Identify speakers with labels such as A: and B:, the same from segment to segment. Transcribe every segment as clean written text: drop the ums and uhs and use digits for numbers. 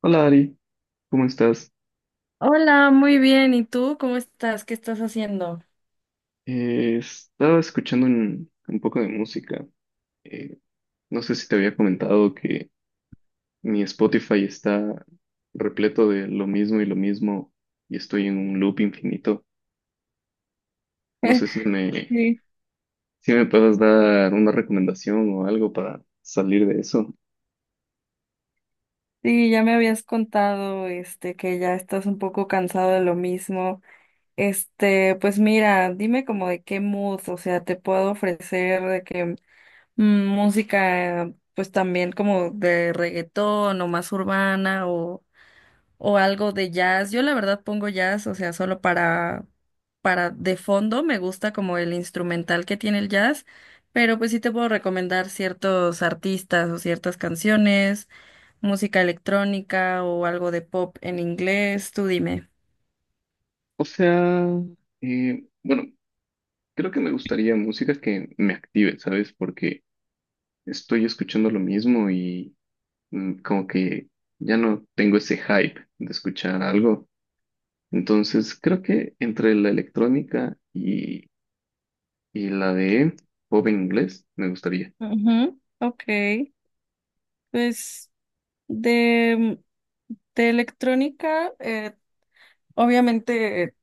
A: Hola Ari, ¿cómo estás?
B: Hola, muy bien. ¿Y tú cómo estás? ¿Qué estás haciendo?
A: Estaba escuchando un poco de música. Eh, no sé si te había comentado que mi Spotify está repleto de lo mismo y estoy en un loop infinito. No sé si me,
B: Sí,
A: si me puedas dar una recomendación o algo para salir de eso.
B: sí, ya me habías contado, este, que ya estás un poco cansado de lo mismo. Este, pues mira, dime como de qué mood, o sea, te puedo ofrecer de que música, pues también como de reggaetón o más urbana o algo de jazz. Yo la verdad pongo jazz, o sea, solo para de fondo me gusta como el instrumental que tiene el jazz, pero pues sí te puedo recomendar ciertos artistas o ciertas canciones, música electrónica o algo de pop en inglés, tú dime.
A: O sea, bueno, creo que me gustaría música que me active, ¿sabes? Porque estoy escuchando lo mismo y como que ya no tengo ese hype de escuchar algo. Entonces, creo que entre la electrónica y la de pop en inglés me gustaría.
B: Ujú, ok, pues de, de electrónica, obviamente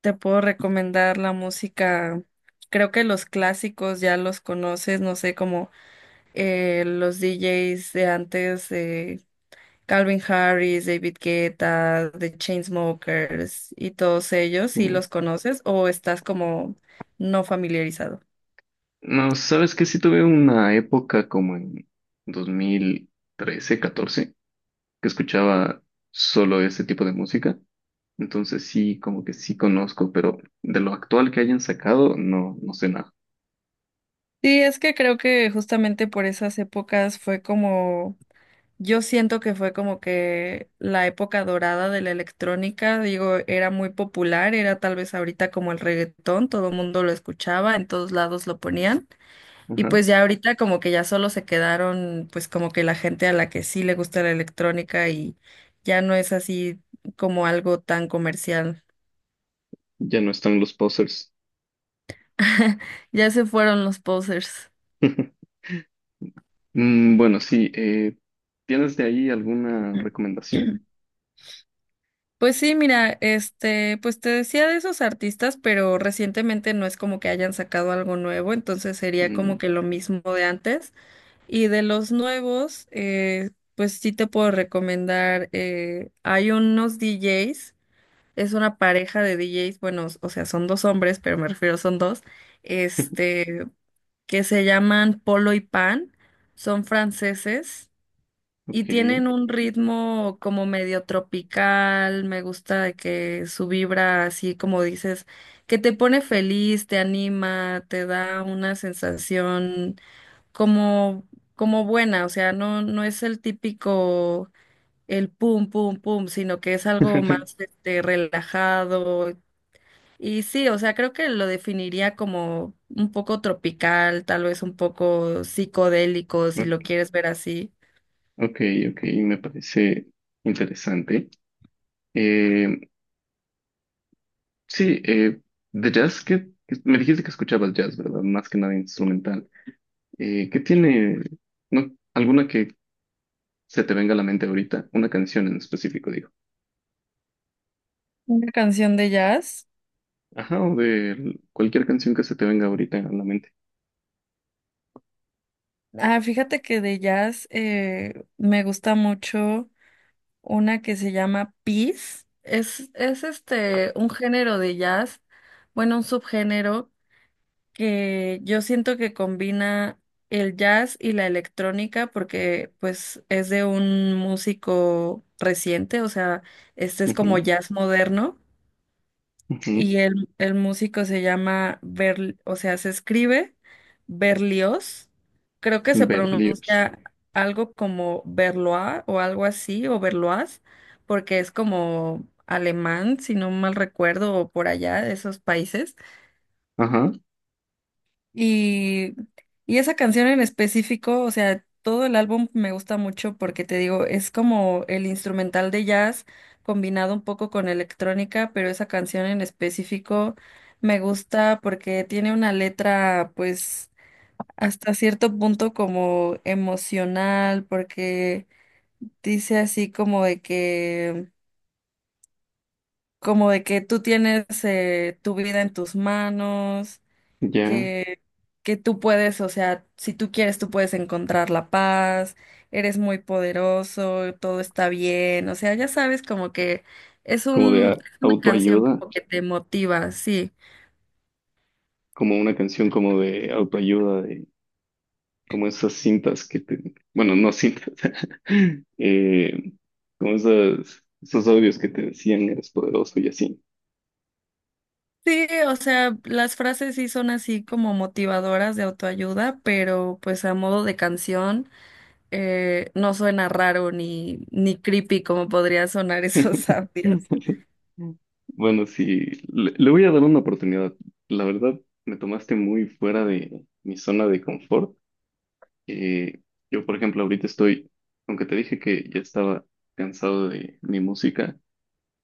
B: te puedo recomendar la música, creo que los clásicos ya los conoces, no sé, como los DJs de antes, de Calvin Harris, David Guetta, The Chainsmokers y todos ellos, ¿sí
A: Mm.
B: los conoces o estás como no familiarizado?
A: No, sabes que sí tuve una época como en 2013, 2014 que escuchaba solo ese tipo de música. Entonces sí, como que sí conozco, pero de lo actual que hayan sacado, no, no sé nada.
B: Sí, es que creo que justamente por esas épocas fue como, yo siento que fue como que la época dorada de la electrónica, digo, era muy popular, era tal vez ahorita como el reggaetón, todo el mundo lo escuchaba, en todos lados lo ponían. Y
A: Ajá.
B: pues ya ahorita como que ya solo se quedaron pues como que la gente a la que sí le gusta la electrónica y ya no es así como algo tan comercial.
A: Ya no están los posers.
B: Ya se fueron los posers.
A: Bueno, sí, ¿tienes de ahí alguna recomendación?
B: Pues sí, mira, este, pues te decía de esos artistas, pero recientemente no es como que hayan sacado algo nuevo, entonces sería como
A: Mm,
B: que lo mismo de antes. Y de los nuevos, pues sí te puedo recomendar, hay unos DJs. Es una pareja de DJs, bueno, o sea, son dos hombres, pero me refiero son dos, este, que se llaman Polo y Pan, son franceses y
A: ok.
B: tienen un ritmo como medio tropical, me gusta de que su vibra así como dices, que te pone feliz, te anima, te da una sensación como como buena, o sea, no es el típico el pum, pum, pum, sino que es algo más este, relajado, y sí, o sea, creo que lo definiría como un poco tropical, tal vez un poco psicodélico, si lo
A: Ok,
B: quieres ver así.
A: ok, ok, me parece interesante. Eh, sí, de jazz, que me dijiste que escuchabas jazz, ¿verdad? Más que nada instrumental. Eh, ¿qué tiene, no, ¿alguna que se te venga a la mente ahorita? Una canción en específico, digo.
B: Una canción de jazz.
A: Ajá, o de cualquier canción que se te venga ahorita a la mente.
B: Ah, fíjate que de jazz me gusta mucho una que se llama Peace. Es este un género de jazz, bueno, un subgénero que yo siento que combina el jazz y la electrónica porque pues es de un músico reciente, o sea, este es como
A: Ujú,
B: jazz moderno
A: ujú.
B: y el músico se llama Ber, o sea, se escribe Berlioz, creo que se
A: Berlioz.
B: pronuncia algo como Berloa o algo así, o Berlois, porque es como alemán, si no mal recuerdo, o por allá de esos países.
A: Ajá,
B: Y, y esa canción en específico, o sea, todo el álbum me gusta mucho porque te digo, es como el instrumental de jazz combinado un poco con electrónica, pero esa canción en específico me gusta porque tiene una letra, pues, hasta cierto punto como emocional, porque dice así como de que tú tienes tu vida en tus manos
A: ya,
B: que, que tú puedes, o sea, si tú quieres, tú puedes encontrar la paz, eres muy poderoso, todo está bien, o sea, ya sabes como que es
A: como de
B: un,
A: a-
B: es una canción
A: autoayuda.
B: como que te motiva, sí.
A: Como una canción como de autoayuda, de como esas cintas que te, bueno, no cintas, eh, como esas, esos audios que te decían eres poderoso y así.
B: Sí, o sea, las frases sí son así como motivadoras de autoayuda, pero pues a modo de canción no suena raro ni creepy como podría sonar esos audios.
A: Bueno, sí, le voy a dar una oportunidad. La verdad, me tomaste muy fuera de mi zona de confort. Eh, yo, por ejemplo, ahorita estoy, aunque te dije que ya estaba cansado de mi música,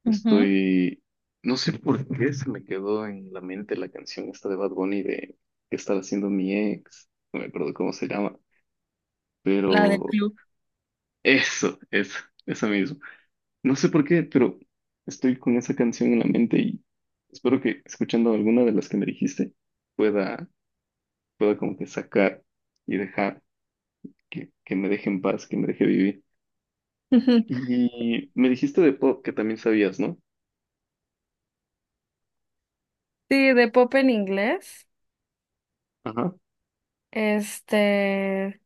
B: Ujú.
A: estoy, no sé por qué se me quedó en la mente la canción esta de Bad Bunny de ¿qué estará haciendo mi ex? No me acuerdo cómo se llama,
B: La del
A: pero
B: club.
A: eso, eso, eso mismo. No sé por qué, pero estoy con esa canción en la mente y espero que escuchando alguna de las que me dijiste pueda, pueda como que sacar y dejar que me deje en paz, que me deje vivir. Y me dijiste de pop que también sabías, ¿no?
B: Sí, de pop en inglés.
A: Ajá.
B: Este,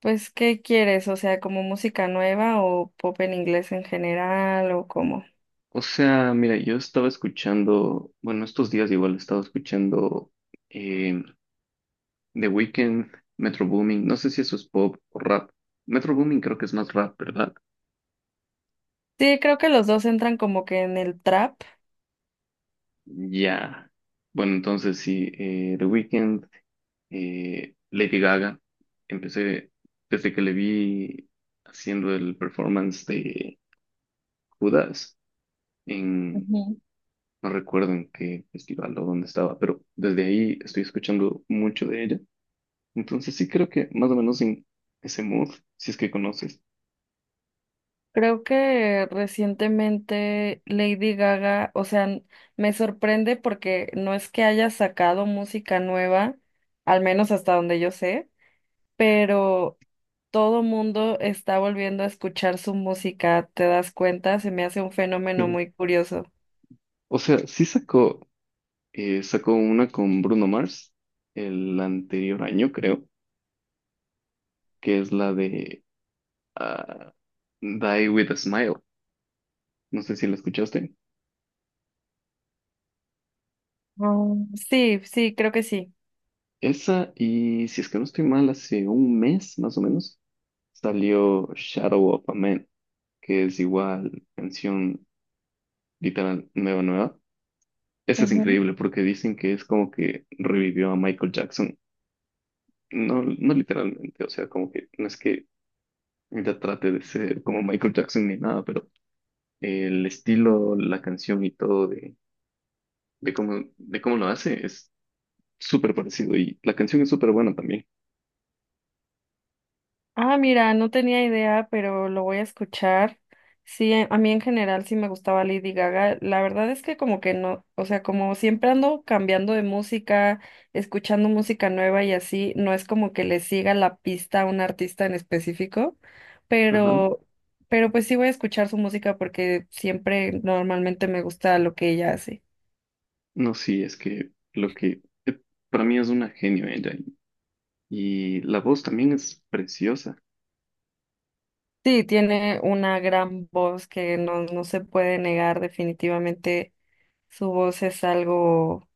B: pues, ¿qué quieres? O sea, ¿como música nueva o pop en inglés en general o cómo?
A: O sea, mira, yo estaba escuchando, bueno, estos días igual estaba escuchando eh, The Weeknd, Metro Boomin, no sé si eso es pop o rap. Metro Boomin creo que es más rap, ¿verdad?
B: Sí, creo que los dos entran como que en el trap.
A: Ya. Bueno, entonces sí, The Weeknd, Lady Gaga, empecé desde que le vi haciendo el performance de Judas en,
B: Ujú.
A: no recuerdo en qué festival o dónde estaba, pero desde ahí estoy escuchando mucho de ella. Entonces sí creo que más o menos en ese mood, si es que conoces.
B: Creo que recientemente Lady Gaga, o sea, me sorprende porque no es que haya sacado música nueva, al menos hasta donde yo sé, pero todo mundo está volviendo a escuchar su música, ¿te das cuenta? Se me hace un fenómeno
A: Sí.
B: muy curioso.
A: O sea, sí sacó, sacó una con Bruno Mars el anterior año, creo, que es la de ah, Die with a Smile. No sé si la escuchaste.
B: Mm, sí, sí, creo que sí.
A: Esa y si es que no estoy mal, hace un mes más o menos salió Shadow of a Man, que es igual canción literal nueva, nueva. Esa es
B: Ujú.
A: increíble porque dicen que es como que revivió a Michael Jackson. No, no literalmente, o sea, como que no es que ella trate de ser como Michael Jackson ni nada, pero el estilo, la canción y todo de cómo lo hace es súper parecido y la canción es súper buena también.
B: Ah, mira, no tenía idea, pero lo voy a escuchar. Sí, a mí en general sí me gustaba Lady Gaga. La verdad es que como que no, o sea, como siempre ando cambiando de música, escuchando música nueva y así, no es como que le siga la pista a un artista en específico,
A: Ajá.
B: pero, pero pues sí voy a escuchar su música porque siempre normalmente me gusta lo que ella hace.
A: No, sí, es que lo que para mí es una genio ella, y la voz también es preciosa.
B: Sí, tiene una gran voz que no, no se puede negar definitivamente. Su voz es algo,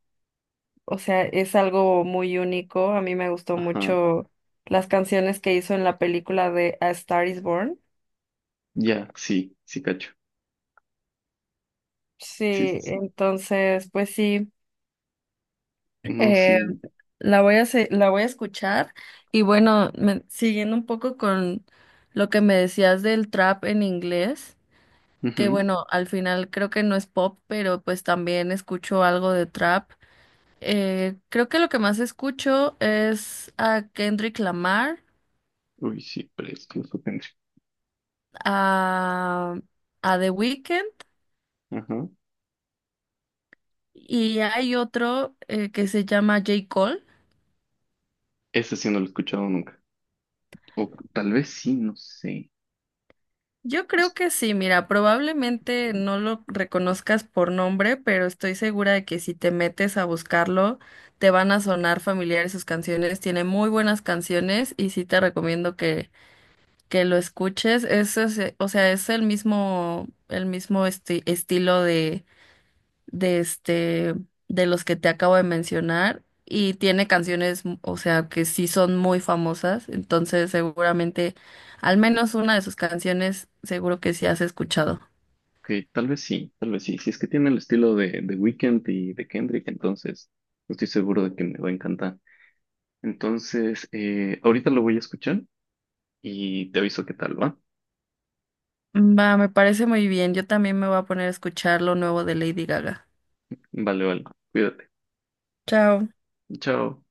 B: o sea, es algo muy único. A mí me gustó
A: Ajá.
B: mucho las canciones que hizo en la película de A Star is Born.
A: Ya, sí, sí, cacho.
B: Sí,
A: Sí, s-
B: entonces, pues sí,
A: no,
B: eh,
A: sí.
B: la voy a escuchar. Y bueno, siguiendo un poco con lo que me decías del trap en inglés. Que
A: Ujú.
B: bueno, al final creo que no es pop, pero pues también escucho algo de trap. Creo que lo que más escucho es a Kendrick Lamar,
A: Uy, sí, precioso, Henry.
B: a, a The Weeknd
A: Ajá.
B: y hay otro que se llama J. Cole.
A: Ese sí no lo he escuchado nunca. O tal vez sí, no sé.
B: Yo creo
A: Es-
B: que sí, mira, probablemente no lo reconozcas por nombre, pero estoy segura de que si te metes a buscarlo, te van a sonar familiares sus canciones. Tiene muy buenas canciones y sí te recomiendo que lo escuches, o sea, es el mismo estilo de este, de los que te acabo de mencionar, y tiene canciones, o sea, que sí son muy famosas, entonces seguramente, al menos una de sus canciones, seguro que sí has escuchado.
A: que tal vez sí, tal vez sí. Si es que tiene el estilo de Weeknd y de Kendrick, entonces no estoy seguro de que me va a encantar. Entonces, ahorita lo voy a escuchar y te aviso qué tal, ¿va?
B: Va, me parece muy bien, yo también me voy a poner a escuchar lo nuevo de Lady Gaga.
A: Vale, vale. Cuídate.
B: Chao.
A: Chao.